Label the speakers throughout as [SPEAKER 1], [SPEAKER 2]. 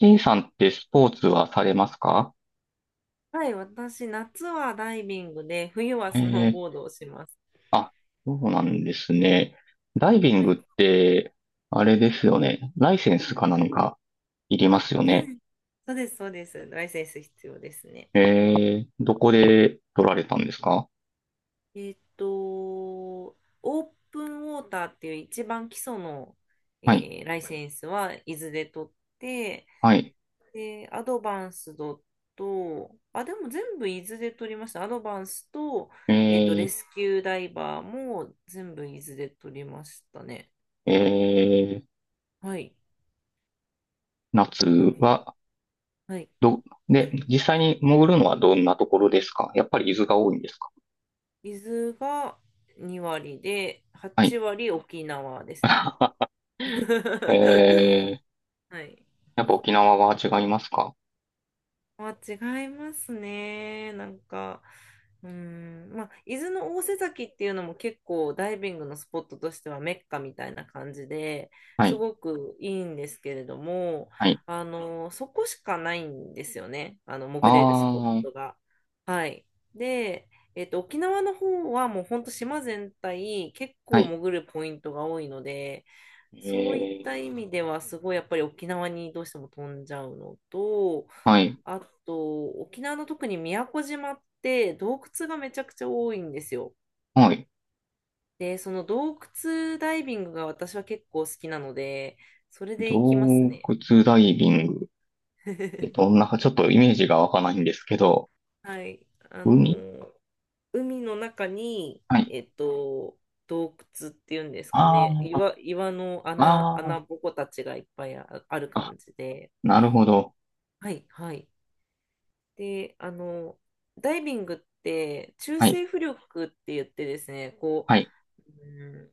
[SPEAKER 1] T さんってスポーツはされますか？
[SPEAKER 2] はい、私、夏はダイビングで、冬はス
[SPEAKER 1] え
[SPEAKER 2] ノー
[SPEAKER 1] え、
[SPEAKER 2] ボードをします。
[SPEAKER 1] あ、そうなんですね。ダイビン
[SPEAKER 2] は
[SPEAKER 1] グっ
[SPEAKER 2] い。
[SPEAKER 1] て、あれですよね。ライセンスかなんかいりま
[SPEAKER 2] あ、
[SPEAKER 1] すよ
[SPEAKER 2] そう
[SPEAKER 1] ね。
[SPEAKER 2] です。そうです、そうです。ライセンス必要ですね。
[SPEAKER 1] ええどこで取られたんですか？
[SPEAKER 2] オープンウォーターっていう一番基礎の、
[SPEAKER 1] はい、
[SPEAKER 2] えライセンスは伊豆で取って、
[SPEAKER 1] はい。
[SPEAKER 2] で、アドバンスドと、あ、でも全部伊豆で取りました。アドバンスと、レ
[SPEAKER 1] え
[SPEAKER 2] スキューダイバーも全部伊豆で取りましたね。
[SPEAKER 1] ええー、
[SPEAKER 2] はい。
[SPEAKER 1] 夏
[SPEAKER 2] あの、
[SPEAKER 1] は、
[SPEAKER 2] はい。
[SPEAKER 1] ど、
[SPEAKER 2] ダ
[SPEAKER 1] で、
[SPEAKER 2] イビング
[SPEAKER 1] 実際に潜るのはどんなところですか？やっぱり伊豆が多いんですか？
[SPEAKER 2] 水が2割で、
[SPEAKER 1] は
[SPEAKER 2] 8
[SPEAKER 1] い。
[SPEAKER 2] 割沖縄ですね。
[SPEAKER 1] ええ
[SPEAKER 2] はい。
[SPEAKER 1] やっぱ沖縄は違いますか？
[SPEAKER 2] あ、違いますね。なんか、うん、まあ、伊豆の大瀬崎っていうのも結構ダイビングのスポットとしてはメッカみたいな感じで
[SPEAKER 1] は
[SPEAKER 2] す
[SPEAKER 1] い、
[SPEAKER 2] ごくいいんですけれども、
[SPEAKER 1] はい。
[SPEAKER 2] そこしかないんですよね。
[SPEAKER 1] あ
[SPEAKER 2] 潜れるスポッ
[SPEAKER 1] あ。
[SPEAKER 2] トが。はい。で、沖縄の方はもうほんと島全体結
[SPEAKER 1] は
[SPEAKER 2] 構
[SPEAKER 1] い
[SPEAKER 2] 潜るポイントが多いので、そういっ
[SPEAKER 1] ええ
[SPEAKER 2] た意味では、すごいやっぱり沖縄にどうしても飛んじゃうのと、
[SPEAKER 1] はい。
[SPEAKER 2] あと、沖縄の特に宮古島って洞窟がめちゃくちゃ多いんですよ。
[SPEAKER 1] はい。
[SPEAKER 2] で、その洞窟ダイビングが私は結構好きなので、それで行きます
[SPEAKER 1] 洞
[SPEAKER 2] ね。
[SPEAKER 1] 窟ダイビング。え、どん な、ちょっとイメージがわかないんですけど、
[SPEAKER 2] はい。あ
[SPEAKER 1] 海
[SPEAKER 2] の、海の中に、
[SPEAKER 1] はい。
[SPEAKER 2] 洞窟っていうんですか
[SPEAKER 1] あ
[SPEAKER 2] ね。岩の
[SPEAKER 1] あ、あ
[SPEAKER 2] 穴ぼこたちがいっぱいある
[SPEAKER 1] あ、あ、
[SPEAKER 2] 感じで。
[SPEAKER 1] なるほど。
[SPEAKER 2] はい、はい。で、ダイビングって中
[SPEAKER 1] はい。
[SPEAKER 2] 性浮力って言ってですね、こ
[SPEAKER 1] はい。
[SPEAKER 2] う、うん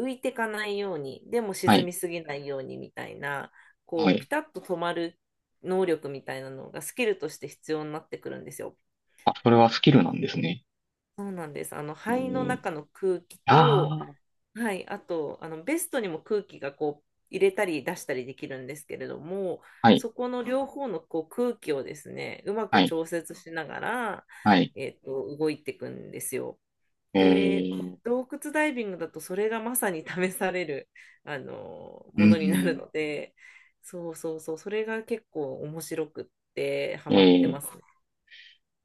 [SPEAKER 2] 浮いてかないように、でも
[SPEAKER 1] は
[SPEAKER 2] 沈
[SPEAKER 1] い。
[SPEAKER 2] みすぎないようにみたいな、
[SPEAKER 1] は
[SPEAKER 2] こう、ピ
[SPEAKER 1] い。
[SPEAKER 2] タッと止まる能力みたいなのがスキルとして必要になってくるんですよ。
[SPEAKER 1] あ、それはスキルなんですね。
[SPEAKER 2] そうなんです。肺の
[SPEAKER 1] ええ
[SPEAKER 2] 中の空気
[SPEAKER 1] あ
[SPEAKER 2] と
[SPEAKER 1] あ、
[SPEAKER 2] はい、あと、ベストにも空気がこう、入れたり出したりできるんですけれども、
[SPEAKER 1] はい。
[SPEAKER 2] そこの両方のこう空気をですね、うま
[SPEAKER 1] は
[SPEAKER 2] く
[SPEAKER 1] い。
[SPEAKER 2] 調節しながら、
[SPEAKER 1] はい。
[SPEAKER 2] 動いていくんですよ。
[SPEAKER 1] え
[SPEAKER 2] で、
[SPEAKER 1] ー
[SPEAKER 2] 洞窟ダイビングだとそれがまさに試される、
[SPEAKER 1] う
[SPEAKER 2] ものになる
[SPEAKER 1] ん。
[SPEAKER 2] ので、そうそうそう、それが結構面白くってハ
[SPEAKER 1] え
[SPEAKER 2] マってま
[SPEAKER 1] ー
[SPEAKER 2] すね。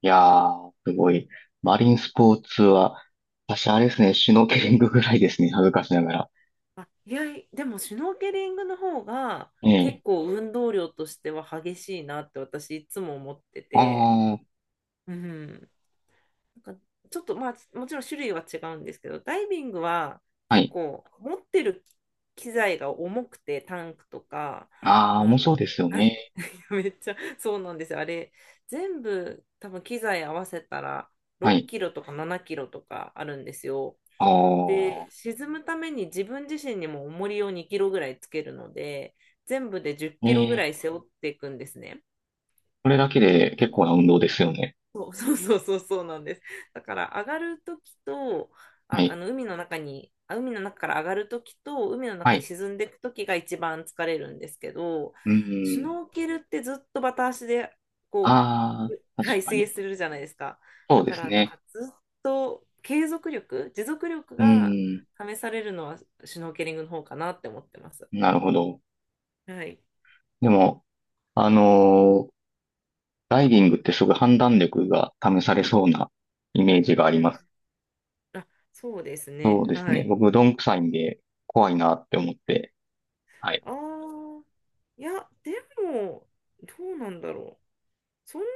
[SPEAKER 1] いやー、すごい。マリンスポーツは、私あれですね、シュノーケリングぐらいですね、恥ずかしながら。
[SPEAKER 2] あ、いや、でもシュノーケリングの方が
[SPEAKER 1] え
[SPEAKER 2] 結
[SPEAKER 1] え
[SPEAKER 2] 構運動量としては激しいなって私いつも思ってて、
[SPEAKER 1] ああ、
[SPEAKER 2] うん。なんかちょっとまあもちろん種類は違うんですけど、ダイビングは
[SPEAKER 1] は
[SPEAKER 2] 結
[SPEAKER 1] い。
[SPEAKER 2] 構持ってる機材が重くてタンクとか、
[SPEAKER 1] ああ、
[SPEAKER 2] あ
[SPEAKER 1] もう
[SPEAKER 2] の、
[SPEAKER 1] そうですよ
[SPEAKER 2] はい。
[SPEAKER 1] ね。
[SPEAKER 2] めっちゃそうなんですよ。あれ全部多分機材合わせたら
[SPEAKER 1] は
[SPEAKER 2] 6
[SPEAKER 1] い。
[SPEAKER 2] キロとか7キロとかあるんですよ。
[SPEAKER 1] ああ、
[SPEAKER 2] で、沈むために自分自身にも重りを2キロぐらいつけるので、全部で10キロぐ
[SPEAKER 1] え
[SPEAKER 2] らい
[SPEAKER 1] え
[SPEAKER 2] 背負っていくんですね。
[SPEAKER 1] これだけで結構な運動ですよね。
[SPEAKER 2] そう そうそうそうそうなんです。だから上がるときと、
[SPEAKER 1] はい。
[SPEAKER 2] 海の中から上がるときと、海の
[SPEAKER 1] は
[SPEAKER 2] 中に
[SPEAKER 1] い。
[SPEAKER 2] 沈んでいくときが一番疲れるんですけど、
[SPEAKER 1] う
[SPEAKER 2] シュ
[SPEAKER 1] ーん。
[SPEAKER 2] ノーケルってずっとバタ足で、こ
[SPEAKER 1] ああ、
[SPEAKER 2] う、は
[SPEAKER 1] 確
[SPEAKER 2] い、
[SPEAKER 1] か
[SPEAKER 2] 水泳
[SPEAKER 1] に。
[SPEAKER 2] するじゃないですか。
[SPEAKER 1] そ
[SPEAKER 2] だ
[SPEAKER 1] うで
[SPEAKER 2] か
[SPEAKER 1] す
[SPEAKER 2] らなん
[SPEAKER 1] ね。
[SPEAKER 2] かずっと継続力、持続力
[SPEAKER 1] う
[SPEAKER 2] が
[SPEAKER 1] ーん。
[SPEAKER 2] 試されるのはシュノーケリングの方かなって思ってます。
[SPEAKER 1] なるほど。
[SPEAKER 2] はい。
[SPEAKER 1] でも、あのーダイビングってすごい判断力が試されそうなイメージがあ
[SPEAKER 2] う
[SPEAKER 1] り
[SPEAKER 2] ん。
[SPEAKER 1] ます。
[SPEAKER 2] あ、そうです
[SPEAKER 1] そ
[SPEAKER 2] ね。
[SPEAKER 1] うです
[SPEAKER 2] は
[SPEAKER 1] ね。
[SPEAKER 2] い。
[SPEAKER 1] 僕、どんくさいんで怖いなって思って。はい。
[SPEAKER 2] ああ、いや、でも、どうなんだろう。そんな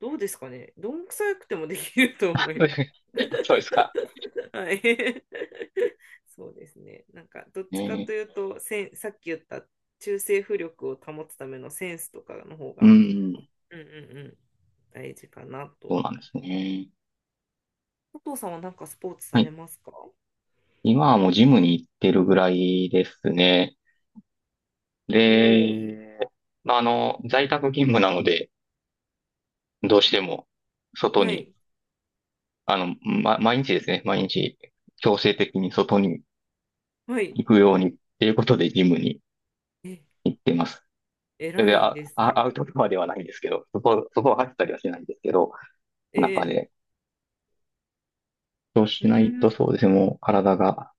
[SPEAKER 2] どうですかね。どんくさくてもできると思います。
[SPEAKER 1] あそうですか。
[SPEAKER 2] はい。そうですね。なんか、どっ
[SPEAKER 1] ね
[SPEAKER 2] ちかという
[SPEAKER 1] え
[SPEAKER 2] と、さっき言った中性浮力を保つためのセンスとかの方
[SPEAKER 1] う
[SPEAKER 2] が、
[SPEAKER 1] ーん。
[SPEAKER 2] うんうんうん、大事かな
[SPEAKER 1] そ
[SPEAKER 2] と。
[SPEAKER 1] うなんですね。
[SPEAKER 2] 佐藤さんはなんかスポーツ
[SPEAKER 1] は
[SPEAKER 2] され
[SPEAKER 1] い、
[SPEAKER 2] ますか？お
[SPEAKER 1] 今はもうジムに行ってるぐらいですね。
[SPEAKER 2] お
[SPEAKER 1] で、まあ、あの、在宅勤務なので、どうしても
[SPEAKER 2] ー、
[SPEAKER 1] 外
[SPEAKER 2] は
[SPEAKER 1] に、
[SPEAKER 2] い、
[SPEAKER 1] あの、ま、毎日ですね、毎日強制的に外に
[SPEAKER 2] はい。
[SPEAKER 1] 行くようにっていうことでジムに
[SPEAKER 2] え、
[SPEAKER 1] 行ってます。それ
[SPEAKER 2] 偉
[SPEAKER 1] で、
[SPEAKER 2] い
[SPEAKER 1] あ、
[SPEAKER 2] です
[SPEAKER 1] あ
[SPEAKER 2] ね。
[SPEAKER 1] アウトドアではないんですけど、そこ、そこは走ったりはしないんですけど、
[SPEAKER 2] え
[SPEAKER 1] 中
[SPEAKER 2] え、
[SPEAKER 1] で。そう
[SPEAKER 2] う
[SPEAKER 1] しない
[SPEAKER 2] ん、う
[SPEAKER 1] と
[SPEAKER 2] ん
[SPEAKER 1] そうですね、もう体が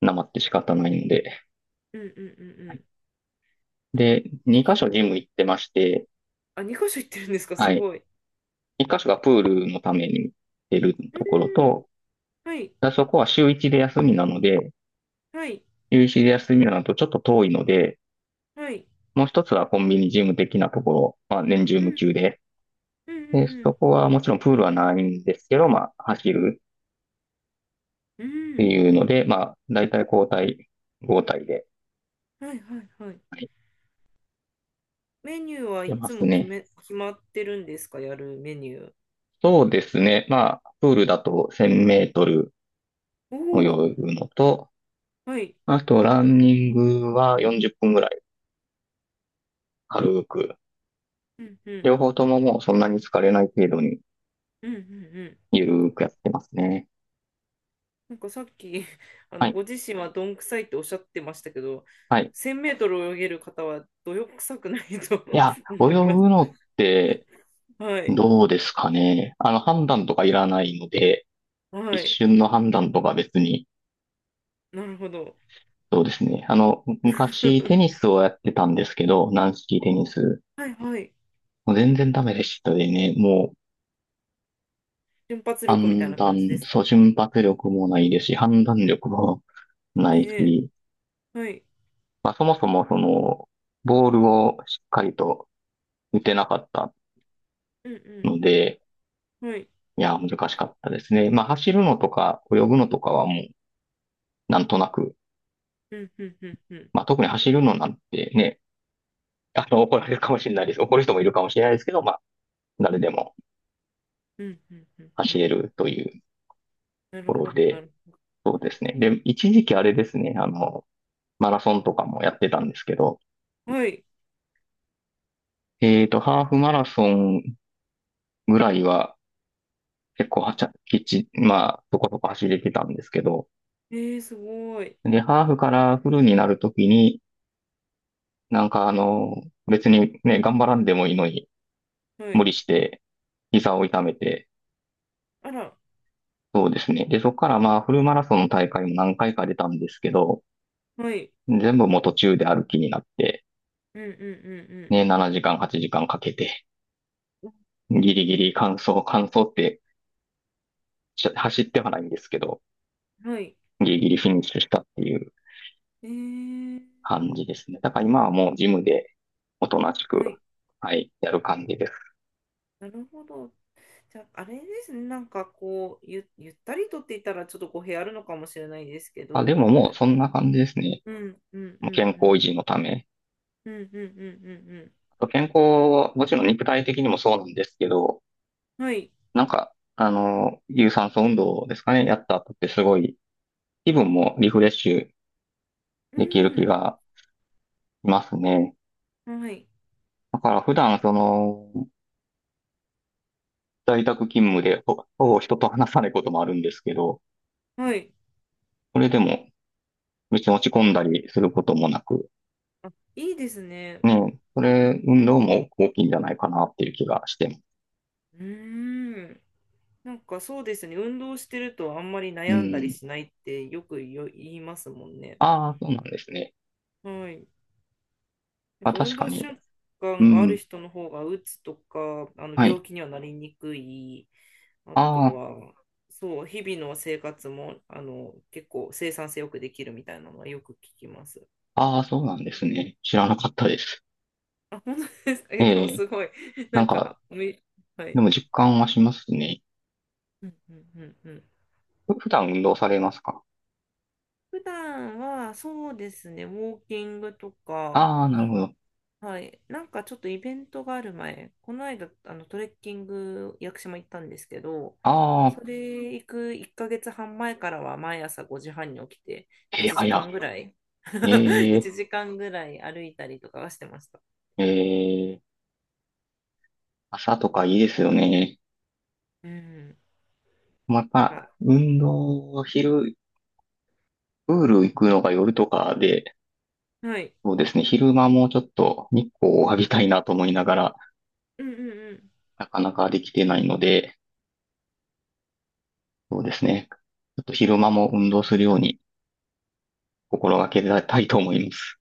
[SPEAKER 1] なまって仕方ないので。
[SPEAKER 2] うんうんう
[SPEAKER 1] はい、
[SPEAKER 2] ん。
[SPEAKER 1] で、
[SPEAKER 2] え
[SPEAKER 1] 2箇所ジム行ってまして、
[SPEAKER 2] あ、2箇所行ってるんですか？
[SPEAKER 1] は
[SPEAKER 2] す
[SPEAKER 1] い。
[SPEAKER 2] ごい。
[SPEAKER 1] 一箇所がプールのために出る
[SPEAKER 2] う
[SPEAKER 1] ところ
[SPEAKER 2] ん。
[SPEAKER 1] と、
[SPEAKER 2] はい。
[SPEAKER 1] あそこは週一で休みなので、
[SPEAKER 2] はい。
[SPEAKER 1] 週一で休みなのとちょっと遠いので、
[SPEAKER 2] はい。
[SPEAKER 1] もう一つはコンビニジム的なところ、まあ年中
[SPEAKER 2] う
[SPEAKER 1] 無
[SPEAKER 2] ん。
[SPEAKER 1] 休で、
[SPEAKER 2] うん。
[SPEAKER 1] で、
[SPEAKER 2] う
[SPEAKER 1] そ
[SPEAKER 2] ん。
[SPEAKER 1] こはもちろんプールはないんですけど、まあ走るっ
[SPEAKER 2] うんう
[SPEAKER 1] て
[SPEAKER 2] ん
[SPEAKER 1] いうので、まあ大体交代、交代で、
[SPEAKER 2] はい。はい。はい。
[SPEAKER 1] はい、
[SPEAKER 2] メニューは
[SPEAKER 1] 出
[SPEAKER 2] い
[SPEAKER 1] ま
[SPEAKER 2] つ
[SPEAKER 1] す
[SPEAKER 2] も
[SPEAKER 1] ね。
[SPEAKER 2] 決まってるんですか、やるメニュー。
[SPEAKER 1] そうですね。まあ、プールだと1000メートル
[SPEAKER 2] おお。
[SPEAKER 1] 泳ぐのと、
[SPEAKER 2] はい。
[SPEAKER 1] あとランニングは40分ぐらい軽く、
[SPEAKER 2] うん。うん。
[SPEAKER 1] 両方とももうそんなに疲れない程度に
[SPEAKER 2] うん。うん。うん
[SPEAKER 1] ゆるーくやってますね。
[SPEAKER 2] なんかさっき、
[SPEAKER 1] はい。
[SPEAKER 2] ご自身はどんくさいっておっしゃってましたけど、
[SPEAKER 1] はい。
[SPEAKER 2] 1000メートル泳げる方はどよくさくないと
[SPEAKER 1] いや、泳ぐ
[SPEAKER 2] 思います。
[SPEAKER 1] のって
[SPEAKER 2] はい。
[SPEAKER 1] どうですかね。あの、判断とかいらないので、
[SPEAKER 2] は
[SPEAKER 1] 一
[SPEAKER 2] い。
[SPEAKER 1] 瞬の判断とか別に、
[SPEAKER 2] なるほど。
[SPEAKER 1] そうですね。あの、む昔テニ スをやってたんですけど、軟式テニス。
[SPEAKER 2] はいはい。
[SPEAKER 1] もう全然ダメでしたでね、もう
[SPEAKER 2] 瞬発力みたい
[SPEAKER 1] 判
[SPEAKER 2] な
[SPEAKER 1] 断、
[SPEAKER 2] 感じです
[SPEAKER 1] そう、
[SPEAKER 2] か？
[SPEAKER 1] 瞬発力もないですし、判断力もな
[SPEAKER 2] え
[SPEAKER 1] い
[SPEAKER 2] え
[SPEAKER 1] し、
[SPEAKER 2] はい。
[SPEAKER 1] まあそもそもその、ボールをしっかりと打てなかった
[SPEAKER 2] うん
[SPEAKER 1] ので、
[SPEAKER 2] うん。はい。
[SPEAKER 1] いや、難しかったですね。まあ、走るのとか、泳ぐのとかはもう、なんとなく、
[SPEAKER 2] うん、うん、うん、うん。
[SPEAKER 1] まあ、特に走るのなんてね、あの、怒られるかもしれないです。怒る人もいるかもしれないですけど、まあ、誰でも
[SPEAKER 2] うん、うん、うん、う
[SPEAKER 1] 走
[SPEAKER 2] ん。
[SPEAKER 1] れるというと
[SPEAKER 2] なる
[SPEAKER 1] こ
[SPEAKER 2] ほ
[SPEAKER 1] ろ
[SPEAKER 2] ど、な
[SPEAKER 1] で、
[SPEAKER 2] る
[SPEAKER 1] そうですね。で、一時期あれですね、あの、マラソンとかもやってたんですけど、
[SPEAKER 2] ほど。はい。
[SPEAKER 1] ハーフマラソンぐらいは、結構はちゃ、きっち、まあ、そこそこ走れてたんですけど、
[SPEAKER 2] ええすごい。
[SPEAKER 1] で、ハーフからフルになるときに、なんかあの、別にね、頑張らんでもいいのに、
[SPEAKER 2] は
[SPEAKER 1] 無
[SPEAKER 2] い。
[SPEAKER 1] 理して、膝を痛めて、
[SPEAKER 2] あら、
[SPEAKER 1] そうですね。で、そこからまあ、フルマラソンの大会も何回か出たんですけど、
[SPEAKER 2] はい。
[SPEAKER 1] 全部もう途中で歩きになって、
[SPEAKER 2] うん、うん、
[SPEAKER 1] ね、7時間、8時間かんかけて、
[SPEAKER 2] うん、
[SPEAKER 1] ギリギリ完走、完走ってし走ってはないんですけど、
[SPEAKER 2] うん。はい。
[SPEAKER 1] ギリギリフィニッシュしたっていう
[SPEAKER 2] ええ
[SPEAKER 1] 感じですね。だから今はもうジムでおとなしく、
[SPEAKER 2] はい。
[SPEAKER 1] はい、やる感じです。
[SPEAKER 2] なるほど。じゃあ、あれですね。なんかこう、ゆったりとって言ったら、ちょっと語弊あるのかもしれないですけ
[SPEAKER 1] あ、で
[SPEAKER 2] ど、
[SPEAKER 1] ももうそんな感じですね。
[SPEAKER 2] うん、うん、うん、
[SPEAKER 1] もう
[SPEAKER 2] う
[SPEAKER 1] 健康維
[SPEAKER 2] ん。
[SPEAKER 1] 持のため。
[SPEAKER 2] うん、うん、うん、うん、
[SPEAKER 1] あと健康、もちろん肉体的にもそうなんですけど、
[SPEAKER 2] うん。はい。
[SPEAKER 1] なんか、あの、有酸素運動ですかね、やった後ってすごい気分もリフレッシュ
[SPEAKER 2] う
[SPEAKER 1] できる気
[SPEAKER 2] ん。
[SPEAKER 1] がしますね。
[SPEAKER 2] はい。
[SPEAKER 1] だから普段その、在宅勤務でほほぼ人と話さないこともあるんですけど、
[SPEAKER 2] はい。
[SPEAKER 1] それでも別に落ち込んだりすることもなく、
[SPEAKER 2] あ、いいですね。
[SPEAKER 1] ね、それ運動も大きいんじゃないかなっていう気がしてます。
[SPEAKER 2] うーん。なんかそうですね、運動してるとあんまり
[SPEAKER 1] う
[SPEAKER 2] 悩んだり
[SPEAKER 1] ん。
[SPEAKER 2] しないってよく言いますもんね。
[SPEAKER 1] ああ、そうなんですね。
[SPEAKER 2] はい。やっ
[SPEAKER 1] あ、
[SPEAKER 2] ぱ
[SPEAKER 1] 確
[SPEAKER 2] 運
[SPEAKER 1] か
[SPEAKER 2] 動習
[SPEAKER 1] に。う
[SPEAKER 2] 慣がある
[SPEAKER 1] ん。
[SPEAKER 2] 人の方が、うつとか、
[SPEAKER 1] は
[SPEAKER 2] 病
[SPEAKER 1] い。
[SPEAKER 2] 気にはなりにくい、あと
[SPEAKER 1] あ
[SPEAKER 2] は、そう、日々の生活も、結構生産性よくできるみたいなのはよく聞きます。
[SPEAKER 1] あ、ああ、そうなんですね。知らなかったです。
[SPEAKER 2] あ、本当ですか。
[SPEAKER 1] え
[SPEAKER 2] え、でも
[SPEAKER 1] え。
[SPEAKER 2] すごい、な
[SPEAKER 1] なん
[SPEAKER 2] ん
[SPEAKER 1] か、
[SPEAKER 2] か、は
[SPEAKER 1] で
[SPEAKER 2] い。
[SPEAKER 1] も実感はしますね。
[SPEAKER 2] うんうんうんうん。
[SPEAKER 1] ふ普段運動されますか？
[SPEAKER 2] 普段は、そうですね、ウォーキングとか、
[SPEAKER 1] ああー、なるほど。
[SPEAKER 2] はい。なんかちょっとイベントがある前、この間、トレッキング、屋久島行ったんですけど、
[SPEAKER 1] ああ、
[SPEAKER 2] それ行く1ヶ月半前からは毎朝5時半に起きて、
[SPEAKER 1] えー、
[SPEAKER 2] 1時間
[SPEAKER 1] 早。
[SPEAKER 2] ぐらい、
[SPEAKER 1] え
[SPEAKER 2] 1時間ぐらい歩いたりとかはしてました。
[SPEAKER 1] ー、えー、朝とかいいですよね。
[SPEAKER 2] うん。
[SPEAKER 1] ま
[SPEAKER 2] なん
[SPEAKER 1] た、
[SPEAKER 2] か、
[SPEAKER 1] 運動、昼、プール行くのが夜とかで、
[SPEAKER 2] はい。
[SPEAKER 1] そうですね、昼間もちょっと日光を浴びたいなと思いながら、
[SPEAKER 2] うんうんうん。
[SPEAKER 1] なかなかできてないので、そうですね。ちょっと昼間も運動するように心がけたいと思います。